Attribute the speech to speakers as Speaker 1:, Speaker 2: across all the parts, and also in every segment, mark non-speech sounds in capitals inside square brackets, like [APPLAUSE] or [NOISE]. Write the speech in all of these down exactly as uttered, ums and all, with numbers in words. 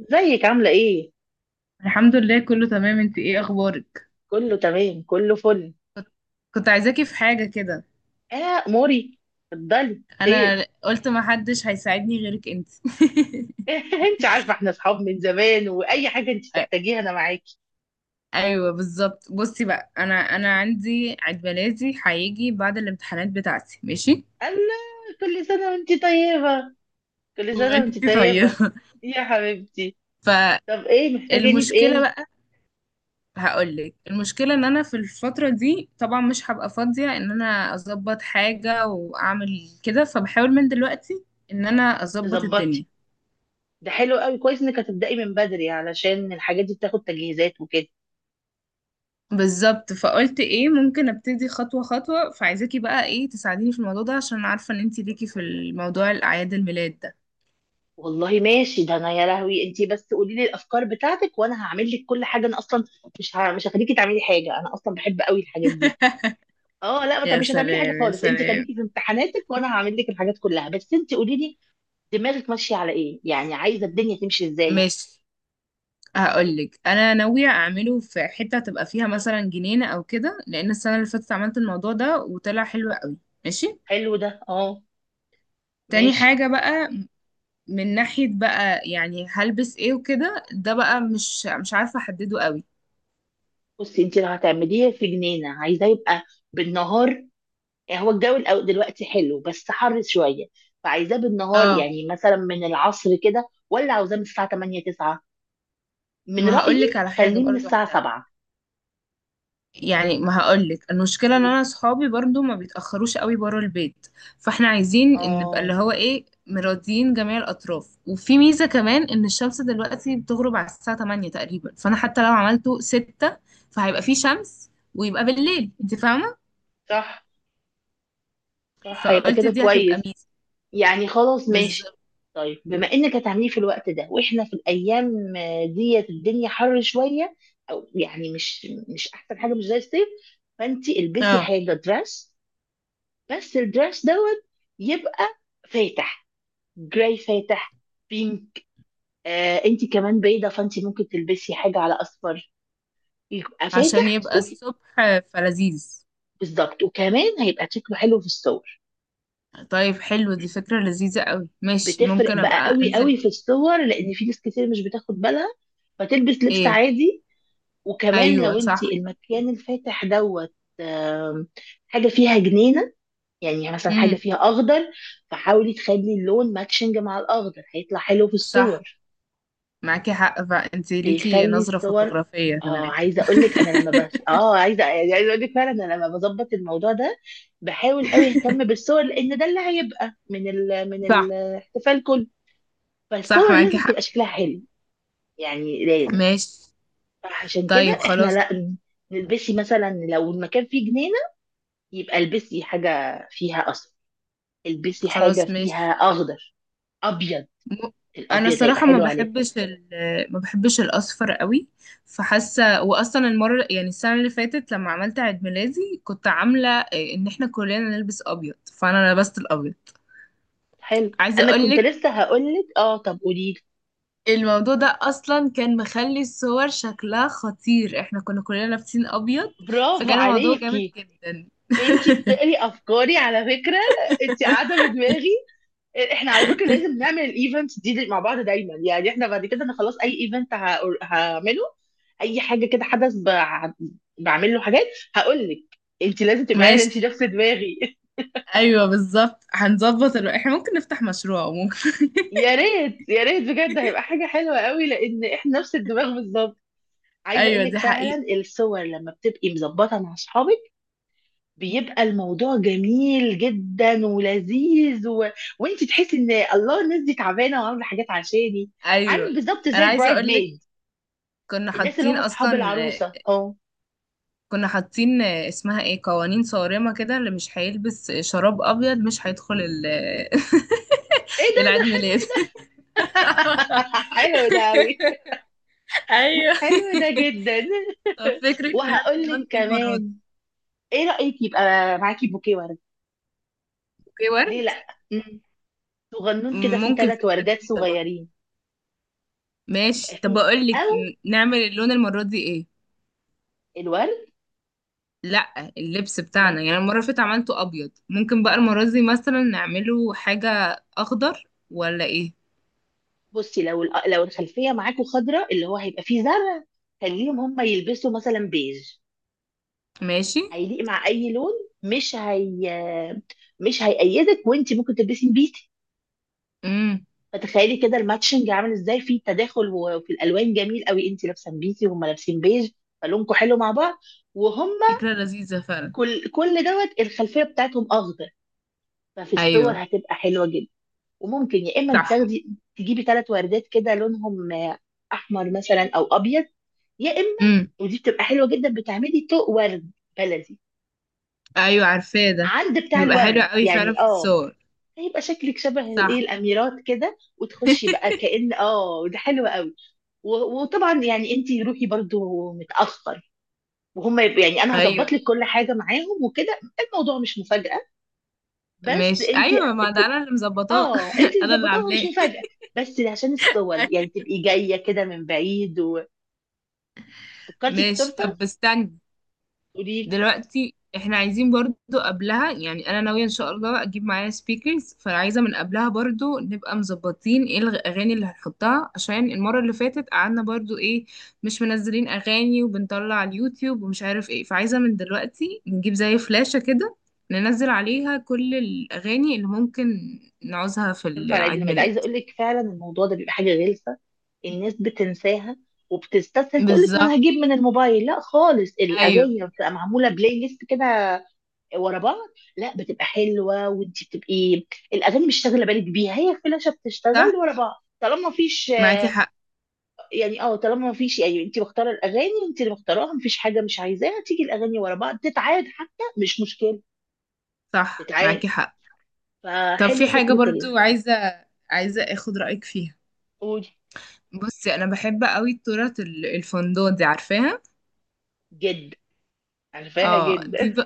Speaker 1: ازيك عاملة ايه؟
Speaker 2: الحمد لله كله تمام. انت ايه اخبارك؟
Speaker 1: كله تمام كله فل.
Speaker 2: كنت عايزاكي في حاجة كده.
Speaker 1: اه موري. اتفضلي
Speaker 2: انا
Speaker 1: خير.
Speaker 2: قلت ما حدش هيساعدني غيرك انت.
Speaker 1: [LAUGHS] انت عارفة احنا اصحاب من زمان واي حاجة انت
Speaker 2: [LAUGHS]
Speaker 1: تحتاجيها انا معاكي.
Speaker 2: ايوه بالظبط. بصي بقى، انا انا عندي عيد ميلادي هيجي بعد الامتحانات بتاعتي، ماشي؟
Speaker 1: الله، كل سنة وانت طيبة، كل سنة
Speaker 2: وانت
Speaker 1: وانت طيبة،
Speaker 2: طيبة.
Speaker 1: يا حبيبتي.
Speaker 2: [LAUGHS]
Speaker 1: طب ايه محتاجاني في
Speaker 2: فالمشكلة
Speaker 1: ايه؟
Speaker 2: بقى، هقولك المشكلة ان انا في الفترة دي طبعا مش هبقى فاضية ان انا اظبط حاجة واعمل كده، فبحاول من دلوقتي ان انا اظبط
Speaker 1: تظبطي.
Speaker 2: الدنيا
Speaker 1: ده حلو قوي، كويس انك هتبدأي من بدري علشان الحاجات دي بتاخد تجهيزات.
Speaker 2: بالظبط. فقلت ايه، ممكن ابتدي خطوة خطوة، فعايزاكي بقى ايه تساعديني في الموضوع ده، عشان أنا عارفة ان انتي ليكي في الموضوع الاعياد الميلاد ده.
Speaker 1: والله ماشي، ده انا يا لهوي، انتي بس قولي لي الافكار بتاعتك وانا هعمل لك كل حاجه. انا اصلا مش ه... مش هخليكي تعملي حاجه، انا اصلا بحب قوي الحاجات دي.
Speaker 2: [LAUGHS]
Speaker 1: اه لا، ما
Speaker 2: يا
Speaker 1: تعمليش- مش هتعملي حاجه
Speaker 2: سلام يا
Speaker 1: خالص، انتي
Speaker 2: سلام.
Speaker 1: خليكي في امتحاناتك وانا هعمل لك الحاجات كلها، بس انتي قولي لي دماغك ماشيه على ايه، يعني عايزه الدنيا تمشي ازاي.
Speaker 2: ماشي، هقولك انا ناوية اعمله في حتة تبقى فيها مثلا جنينة او كده، لان السنة اللي فاتت عملت الموضوع ده وطلع حلو قوي. ماشي.
Speaker 1: حلو ده، اه
Speaker 2: تاني
Speaker 1: ماشي.
Speaker 2: حاجة بقى، من ناحية بقى يعني هلبس ايه وكده، ده بقى مش مش عارفة احدده قوي.
Speaker 1: بصي انتي لو هتعمليه في جنينه عايزاه يبقى بالنهار، يعني هو الجو الأو- دلوقتي حلو بس حر شويه، فعايزاه بالنهار
Speaker 2: اه،
Speaker 1: يعني مثلا من العصر كده ولا عاوزاه من الساعه تمانية تسعة؟ من
Speaker 2: ما
Speaker 1: رأيي
Speaker 2: هقولك على حاجة
Speaker 1: خليه من
Speaker 2: برضو،
Speaker 1: الساعة
Speaker 2: احنا
Speaker 1: سبعة.
Speaker 2: يعني ما هقولك المشكله ان انا اصحابي برضو ما بيتاخروش قوي بره البيت، فاحنا عايزين ان نبقى
Speaker 1: اه
Speaker 2: اللي هو ايه، مراضيين جميع الاطراف. وفي ميزه كمان ان الشمس دلوقتي بتغرب على الساعه تمانية تقريبا، فانا حتى لو عملته ستة فهيبقى في شمس ويبقى بالليل، انت فاهمه؟
Speaker 1: صح، صح هيبقى
Speaker 2: فقلت
Speaker 1: كده
Speaker 2: دي هتبقى
Speaker 1: كويس،
Speaker 2: ميزه
Speaker 1: يعني خلاص ماشي.
Speaker 2: بالظبط.
Speaker 1: طيب بما انك هتعمليه في الوقت ده واحنا في الايام آه، ديت الدنيا حر شويه، او يعني مش مش احسن حاجه، مش زي الصيف، فانت البسي
Speaker 2: اه،
Speaker 1: حاجه دراس، بس الدراس دوت يبقى فاتح، جراي فاتح، بينك. آه انت كمان بيضه فانت ممكن تلبسي حاجه على اصفر، يبقى
Speaker 2: عشان
Speaker 1: فاتح
Speaker 2: يبقى
Speaker 1: وف-
Speaker 2: الصبح فلذيذ.
Speaker 1: بالظبط. وكمان هيبقى شكله حلو في الصور.
Speaker 2: طيب حلو، دي فكره لذيذه قوي، ماشي،
Speaker 1: بتفرق
Speaker 2: ممكن
Speaker 1: بقى
Speaker 2: ابقى
Speaker 1: قوي
Speaker 2: انزل.
Speaker 1: قوي في الصور، لان في ناس كتير مش بتاخد بالها فتلبس لبس
Speaker 2: ايه؟
Speaker 1: عادي. وكمان
Speaker 2: ايوه
Speaker 1: لو انت
Speaker 2: صح.
Speaker 1: المكان الفاتح دوت، آم، حاجه فيها جنينه، يعني مثلا حاجه
Speaker 2: امم.
Speaker 1: فيها اخضر، فحاولي تخلي اللون ماتشنج مع الاخضر هيطلع حلو في
Speaker 2: صح
Speaker 1: الصور،
Speaker 2: معاكي حق، فانت ليكي
Speaker 1: بيخلي
Speaker 2: نظرة
Speaker 1: الصور.
Speaker 2: فوتوغرافية
Speaker 1: اه
Speaker 2: كمان.
Speaker 1: عايزه اقول لك، انا لما بس اه عايزه، يعني عايزه اقول لك فعلا انا لما بظبط الموضوع ده بحاول قوي اهتم
Speaker 2: [LAUGHS]
Speaker 1: بالصور، لان ده اللي هيبقى من ال... من
Speaker 2: صح.
Speaker 1: الاحتفال كله.
Speaker 2: صح
Speaker 1: فالصور
Speaker 2: معاكي
Speaker 1: لازم
Speaker 2: حق.
Speaker 1: تبقى شكلها حلو، يعني لازم.
Speaker 2: ماشي.
Speaker 1: عشان
Speaker 2: طيب
Speaker 1: كده احنا
Speaker 2: خلاص.
Speaker 1: لا نلبسي مثلا، لو المكان فيه جنينة يبقى البسي حاجة فيها أصفر، البسي حاجة
Speaker 2: خلاص
Speaker 1: فيها
Speaker 2: ماشي.
Speaker 1: أخضر، أبيض،
Speaker 2: م- انا
Speaker 1: الأبيض هيبقى
Speaker 2: الصراحة ما
Speaker 1: حلو عليك.
Speaker 2: بحبش ال... ما بحبش الاصفر قوي. فحاسة واصلا المرة، يعني السنة اللي فاتت لما عملت عيد ميلادي، كنت عاملة إيه، ان احنا كلنا نلبس ابيض، فانا لبست الابيض.
Speaker 1: حلو،
Speaker 2: عايزة
Speaker 1: أنا كنت
Speaker 2: اقولك،
Speaker 1: لسه هقولك، اه طب قوليلي،
Speaker 2: الموضوع ده اصلا كان مخلي الصور شكلها خطير، احنا كنا كلنا لابسين ابيض،
Speaker 1: برافو
Speaker 2: فكان الموضوع جامد
Speaker 1: عليكي،
Speaker 2: جدا.
Speaker 1: انتي بتقري أفكاري على فكرة، انتي قاعدة بدماغي. احنا على فكره لازم
Speaker 2: [LAUGHS]
Speaker 1: نعمل الايفنتس دي دي مع بعض دايما، يعني احنا بعد كده انا خلاص اي ايفنت هعمله، اي حاجه كده حدث بع- بعمل له حاجات. هقول لك انت لازم تبقى عارفه
Speaker 2: ماشي.
Speaker 1: انت نفس دماغي. [LAUGHS]
Speaker 2: ايوه بالظبط، هنظبط الو... احنا ممكن نفتح مشروع، ممكن. [LAUGHS]
Speaker 1: يا ريت يا ريت بجد، هيبقى حاجه حلوه قوي لان احنا نفس الدماغ بالظبط. عايزه اقول
Speaker 2: ايوه
Speaker 1: لك
Speaker 2: دي حقيقة.
Speaker 1: فعلا، الصور لما بتبقي مظبطه مع اصحابك بيبقى الموضوع جميل جدا ولذيذ و... وانت تحسي ان الله الناس دي تعبانه وعامله حاجات عشاني،
Speaker 2: ايوه.
Speaker 1: عامل بالظبط زي
Speaker 2: انا عايزه
Speaker 1: البرايد
Speaker 2: اقول لك،
Speaker 1: ميد،
Speaker 2: كنا
Speaker 1: الناس اللي
Speaker 2: حاطين
Speaker 1: هم
Speaker 2: اصلا،
Speaker 1: اصحاب العروسه اه.
Speaker 2: كنا حاطين اسمها ايه، قوانين صارمه كده، اللي مش هيلبس شراب ابيض مش هيدخل ال...
Speaker 1: ايه
Speaker 2: [LAUGHS]
Speaker 1: ده،
Speaker 2: العيد
Speaker 1: ده حلو.
Speaker 2: ميلاد.
Speaker 1: [LAUGHS]
Speaker 2: [LAUGHS]
Speaker 1: حلو ده قوي،
Speaker 2: ايوه.
Speaker 1: حلو ده جدا.
Speaker 2: طب فكرك نعمل
Speaker 1: وهقول لك
Speaker 2: لون ايه المرة دي؟
Speaker 1: كمان، ايه رايك يبقى معاكي بوكيه ورد؟
Speaker 2: اوكي،
Speaker 1: ليه
Speaker 2: ورد.
Speaker 1: لا مم. صغنون كده فيه
Speaker 2: ممكن
Speaker 1: ثلاث
Speaker 2: فكرة
Speaker 1: وردات
Speaker 2: جديدة برضه.
Speaker 1: صغيرين، يبقى
Speaker 2: ماشي، طب
Speaker 1: فيه،
Speaker 2: اقول لك،
Speaker 1: او
Speaker 2: نعمل اللون المرة دي ايه؟
Speaker 1: الورد.
Speaker 2: لا اللبس
Speaker 1: ما
Speaker 2: بتاعنا يعني، المرة اللي فاتت عملته ابيض، ممكن بقى المرة دي مثلا نعمله حاجة اخضر ولا ايه؟
Speaker 1: بصي، لو الأ- لو الخلفيه معاكوا خضراء اللي هو هيبقى فيه زرع، خليهم هم يلبسوا مثلا بيج،
Speaker 2: ماشي.
Speaker 1: هيليق مع اي لون، مش هي، مش هيقيدك وانت ممكن تلبسي بيتي.
Speaker 2: امم.
Speaker 1: فتخيلي كده الماتشنج عامل ازاي في تداخل و- وفي الالوان جميل قوي، انت لابسه بيتي وهم لابسين بيج، فلونكم حلو مع بعض، وهم
Speaker 2: فكرة لذيذة فعلا.
Speaker 1: كل كل دوت الخلفيه بتاعتهم اخضر، ففي
Speaker 2: ايوه
Speaker 1: الصور هتبقى حلوه جدا. وممكن يا اما
Speaker 2: صح.
Speaker 1: تاخدي تجيبي ثلاث وردات كده لونهم آه، احمر مثلا او ابيض، يا اما
Speaker 2: امم.
Speaker 1: ودي بتبقى حلوه جدا، بتعملي طوق ورد بلدي
Speaker 2: ايوه عارفاه ده،
Speaker 1: عند بتاع
Speaker 2: بيبقى حلو
Speaker 1: الورد
Speaker 2: قوي فعلا
Speaker 1: يعني
Speaker 2: في
Speaker 1: اه،
Speaker 2: الصور.
Speaker 1: هيبقى شكلك شبه الايه
Speaker 2: صح.
Speaker 1: الاميرات كده وتخشي بقى
Speaker 2: [LAUGHS]
Speaker 1: كأن اه، ده حلو قوي. و- وطبعا يعني انت روحي برضو متأخر، وهم يبقوا يعني انا
Speaker 2: ايوه.
Speaker 1: هظبط لك كل حاجه معاهم وكده الموضوع مش مفاجاه، بس
Speaker 2: ماشي.
Speaker 1: انت
Speaker 2: ايوه ما ده
Speaker 1: ت-
Speaker 2: انا اللي مظبطاه.
Speaker 1: اه
Speaker 2: [LAUGHS]
Speaker 1: انت اللي
Speaker 2: انا اللي
Speaker 1: ظبطاها، مش
Speaker 2: عاملاه.
Speaker 1: مفاجاه،
Speaker 2: [LAUGHS]
Speaker 1: بس عشان الصور يعني تبقي جايه كده من بعيد. وفكرتي في
Speaker 2: ماشي.
Speaker 1: التورته
Speaker 2: طب استنى،
Speaker 1: قولي لي.
Speaker 2: دلوقتي احنا عايزين برضو قبلها، يعني انا ناوية ان شاء الله اجيب معايا سبيكرز، فعايزة من قبلها برضو نبقى مظبطين ايه الاغاني اللي هنحطها، عشان المرة اللي فاتت قعدنا برضو ايه، مش منزلين اغاني وبنطلع على اليوتيوب ومش عارف ايه. فعايزة من دلوقتي نجيب زي فلاشة كده، ننزل عليها كل الاغاني اللي ممكن نعوزها في
Speaker 1: تنفع لعيد
Speaker 2: العيد
Speaker 1: الميلاد.
Speaker 2: ميلاد.
Speaker 1: عايزه اقول لك فعلا الموضوع ده بيبقى حاجه غلسه، الناس بتنساها وبتستسهل تقول لك ما انا
Speaker 2: بالظبط.
Speaker 1: هجيب من الموبايل، لا خالص،
Speaker 2: ايوه.
Speaker 1: الاغاني لما بتبقى معموله بلاي ليست كده ورا بعض لا بتبقى حلوه، وانت بتبقي الاغاني مش شاغله بالك بيها، هي فلاشه
Speaker 2: صح
Speaker 1: بتشتغل ورا بعض طالما مفيش
Speaker 2: معاكي
Speaker 1: آه،
Speaker 2: حق.
Speaker 1: يعني اه طالما مفيش، يعني انت مختاره الاغاني، انت اللي مختاراها مفيش حاجه مش عايزاها تيجي، الاغاني ورا بعض تتعاد حتى مش مشكله،
Speaker 2: صح
Speaker 1: تتعاد.
Speaker 2: معاكي حق. طب
Speaker 1: فحلو
Speaker 2: في حاجة
Speaker 1: فكره ال
Speaker 2: برضو عايزة، عايزة اخد رأيك فيها.
Speaker 1: قولي.
Speaker 2: بصي انا بحب قوي التورت ال- الفندق دي، عارفاها؟
Speaker 1: جد؟ عارفاها
Speaker 2: اه، دي
Speaker 1: جدا.
Speaker 2: ب...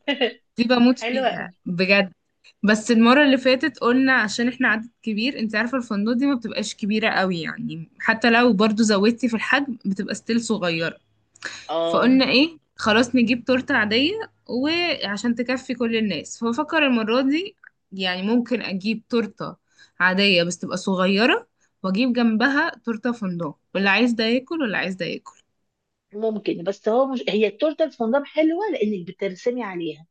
Speaker 2: دي بموت
Speaker 1: [LAUGHS]
Speaker 2: فيها
Speaker 1: حلوه
Speaker 2: بجد. بس المرة اللي فاتت قلنا عشان احنا عدد كبير، انت عارفة الفندق دي ما بتبقاش كبيرة قوي، يعني حتى لو برضو زودتي في الحجم بتبقى ستيل صغيرة،
Speaker 1: اه.
Speaker 2: فقلنا ايه خلاص نجيب تورتة عادية وعشان تكفي كل الناس. فبفكر المرة دي يعني ممكن اجيب تورتة عادية بس تبقى صغيرة، واجيب جنبها تورتة فندق، واللي عايز ده ياكل واللي عايز ده ياكل.
Speaker 1: ممكن، بس هو مش هي التورته الفندق حلوه لانك بترسمي عليها،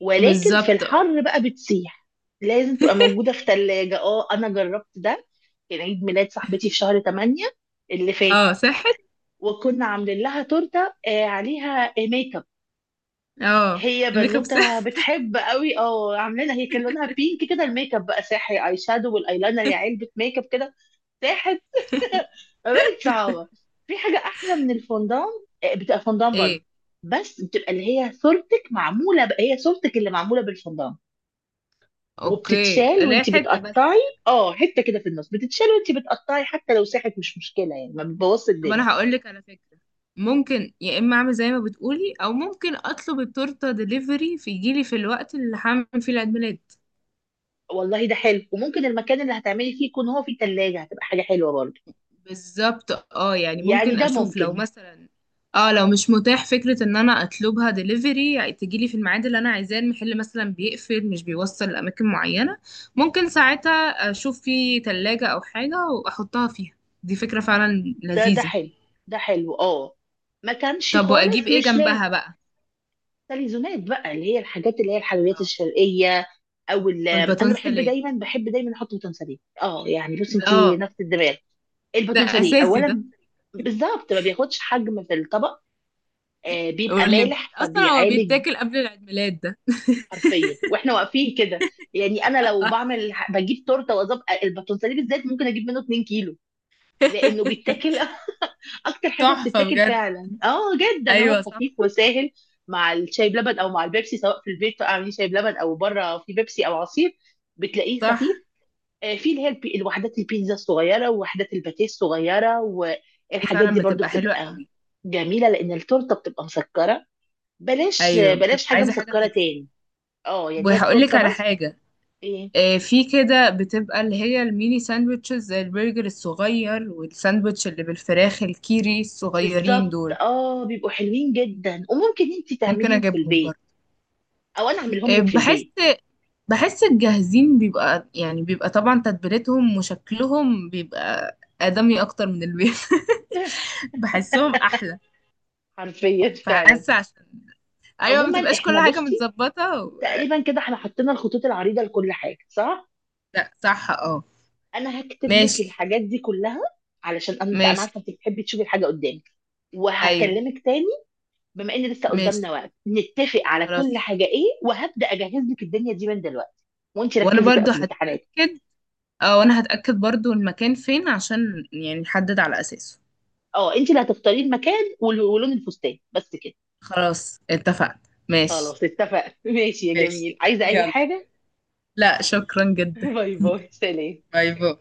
Speaker 1: ولكن في
Speaker 2: بالظبط. اه.
Speaker 1: الحر بقى بتسيح، لازم تبقى موجوده في ثلاجه. اه انا جربت ده، كان عيد ميلاد صاحبتي في شهر تمانية اللي فات،
Speaker 2: اه صحت.
Speaker 1: وكنا عاملين لها تورته آه، عليها ميك اب،
Speaker 2: اه.
Speaker 1: هي
Speaker 2: الميك اب
Speaker 1: بنوته
Speaker 2: صح.
Speaker 1: بتحب قوي اه، عاملينها هي كان لونها بينك كده، الميك اب بقى ساحر، اي شادو والايلاينر، يا علبه ميك اب كده ساحر. [LAUGHS] بقت
Speaker 2: [LAUGHS]
Speaker 1: صعبة. في حاجة أحلى من الفondان، آه، بتبقى فondان برضه،
Speaker 2: ايه؟
Speaker 1: بس بتبقى اللي هي صورتك معمولة بقى، هي صورتك اللي معمولة بالفondان،
Speaker 2: اوكي،
Speaker 1: وبتتشال
Speaker 2: لا
Speaker 1: وانت
Speaker 2: حته بس
Speaker 1: بتقطعي.
Speaker 2: كده.
Speaker 1: اه حتة كده في النص بتتشال وانت بتقطعي، حتى لو ساحت مش مشكلة يعني، ما بتبوظش
Speaker 2: طب
Speaker 1: الدنيا.
Speaker 2: انا هقول لك على فكره، ممكن يا اما اعمل زي ما بتقولي، او ممكن اطلب التورته ديليفري، في يجيلي في الوقت اللي هعمل فيه العيد ميلاد.
Speaker 1: والله ده حلو، وممكن المكان اللي هتعملي فيه يكون هو فيه تلاجة، هتبقى حاجة حلوة برضه،
Speaker 2: بالظبط اه، يعني
Speaker 1: يعني
Speaker 2: ممكن
Speaker 1: ده
Speaker 2: اشوف لو
Speaker 1: ممكن.
Speaker 2: مثلا، اه لو مش متاح فكرة ان انا اطلبها دليفري، يعني تجيلي في الميعاد اللي انا عايزاه، المحل مثلا بيقفل مش بيوصل لاماكن معينة، ممكن ساعتها اشوف في تلاجة او حاجة واحطها فيها. دي فكرة فعلا
Speaker 1: ده ده
Speaker 2: لذيذة.
Speaker 1: حلو، ده حلو اه، ما كانش
Speaker 2: طب واجيب
Speaker 1: خالص
Speaker 2: ايه
Speaker 1: مش
Speaker 2: جنبها
Speaker 1: لازم.
Speaker 2: بقى؟
Speaker 1: تليزونات بقى اللي هي الحاجات، اللي هي الحلويات
Speaker 2: اه
Speaker 1: الشرقية، او ال- انا
Speaker 2: والباتون
Speaker 1: بحب
Speaker 2: ساليه،
Speaker 1: دايما بحب دايما احط باتون ساليه، اه يعني بص انت
Speaker 2: اه
Speaker 1: نفس الدماغ.
Speaker 2: ده
Speaker 1: الباتون ساليه
Speaker 2: اساسي ده.
Speaker 1: اولا، بالظبط ما بياخدش حجم في الطبق، آه بيبقى
Speaker 2: واللي ب-
Speaker 1: مالح
Speaker 2: اصلا هو
Speaker 1: فبيعالج،
Speaker 2: بيتاكل قبل العيد ميلاد ده.
Speaker 1: حرفيا واحنا واقفين كده، يعني انا لو بعمل بجيب تورته واظبط الباتون ساليه بالذات ممكن اجيب منه 2 كيلو لانه بيتاكل.
Speaker 2: [LAUGHS]
Speaker 1: [LAUGHS] اكتر حاجه
Speaker 2: تحفة
Speaker 1: بتتاكل
Speaker 2: بجد.
Speaker 1: فعلا اه جدا، هو
Speaker 2: ايوه صح.
Speaker 1: خفيف وسهل مع الشاي بلبن او مع البيبسي، سواء في البيت اعملي شاي بلبن او بره في بيبسي او عصير، بتلاقيه
Speaker 2: صح.
Speaker 1: خفيف. آه، في اللي هي البي- الوحدات البيتزا الصغيره، ووحدات الباتيه الصغيره،
Speaker 2: دي
Speaker 1: والحاجات
Speaker 2: فعلا
Speaker 1: دي برضو
Speaker 2: بتبقى حلوة
Speaker 1: بتبقى
Speaker 2: قوي.
Speaker 1: جميله، لان التورته بتبقى مسكره، بلاش آه،
Speaker 2: ايوه
Speaker 1: بلاش
Speaker 2: بتبقى
Speaker 1: حاجه
Speaker 2: عايزه حاجه
Speaker 1: مسكره
Speaker 2: تكسر.
Speaker 1: تاني، اه يعني هي
Speaker 2: وهقول لك
Speaker 1: التورته
Speaker 2: على
Speaker 1: بس.
Speaker 2: حاجه،
Speaker 1: ايه
Speaker 2: آه، في كده بتبقى اللي هي الميني ساندوتشز، زي البرجر الصغير والساندوتش اللي بالفراخ، الكيري الصغيرين
Speaker 1: بالظبط
Speaker 2: دول.
Speaker 1: اه، بيبقوا حلوين جدا، وممكن انت
Speaker 2: ممكن
Speaker 1: تعمليهم في
Speaker 2: اجيبهم
Speaker 1: البيت
Speaker 2: برضه.
Speaker 1: او انا اعملهم
Speaker 2: آه،
Speaker 1: لك في
Speaker 2: بحس
Speaker 1: البيت.
Speaker 2: بحس الجاهزين بيبقى يعني بيبقى طبعا تتبيلتهم وشكلهم بيبقى آدمي اكتر من البيت. [LAUGHS]
Speaker 1: [LAUGHS]
Speaker 2: بحسهم احلى.
Speaker 1: حرفيا فعلا.
Speaker 2: فحاسه عشان، ايوه ما
Speaker 1: عموما
Speaker 2: تبقاش كل
Speaker 1: احنا
Speaker 2: حاجه
Speaker 1: بصي،
Speaker 2: متظبطه و...
Speaker 1: تقريبا كده احنا حطينا الخطوط العريضه لكل حاجه صح،
Speaker 2: لا صح اه.
Speaker 1: انا هكتب لك
Speaker 2: ماشي.
Speaker 1: الحاجات دي كلها، علشان أنا- انت انا
Speaker 2: ماشي.
Speaker 1: عارفه انت بتحبي تشوفي الحاجه قدامك،
Speaker 2: ايوه.
Speaker 1: وهكلمك تاني بما ان لسه
Speaker 2: ماشي.
Speaker 1: قدامنا وقت، نتفق على
Speaker 2: خلاص.
Speaker 1: كل حاجه ايه، وهبدا اجهز لك الدنيا دي من دلوقتي، وانت
Speaker 2: وانا
Speaker 1: ركزي بقى
Speaker 2: برضو
Speaker 1: في الامتحانات.
Speaker 2: هتأكد، اه وانا هتأكد برضو المكان فين عشان يعني نحدد على اساسه.
Speaker 1: اه انت اللي هتختاري المكان وال- ولون الفستان، بس كده.
Speaker 2: خلاص اتفقنا. ماشي.
Speaker 1: خلاص اتفقنا. [LAUGHS] ماشي يا
Speaker 2: ماشي.
Speaker 1: جميل، عايزه اي
Speaker 2: يلا.
Speaker 1: حاجه؟
Speaker 2: لا شكرا جدا.
Speaker 1: [LAUGHS] باي باي، سلام.
Speaker 2: [LAUGHS] باي باي.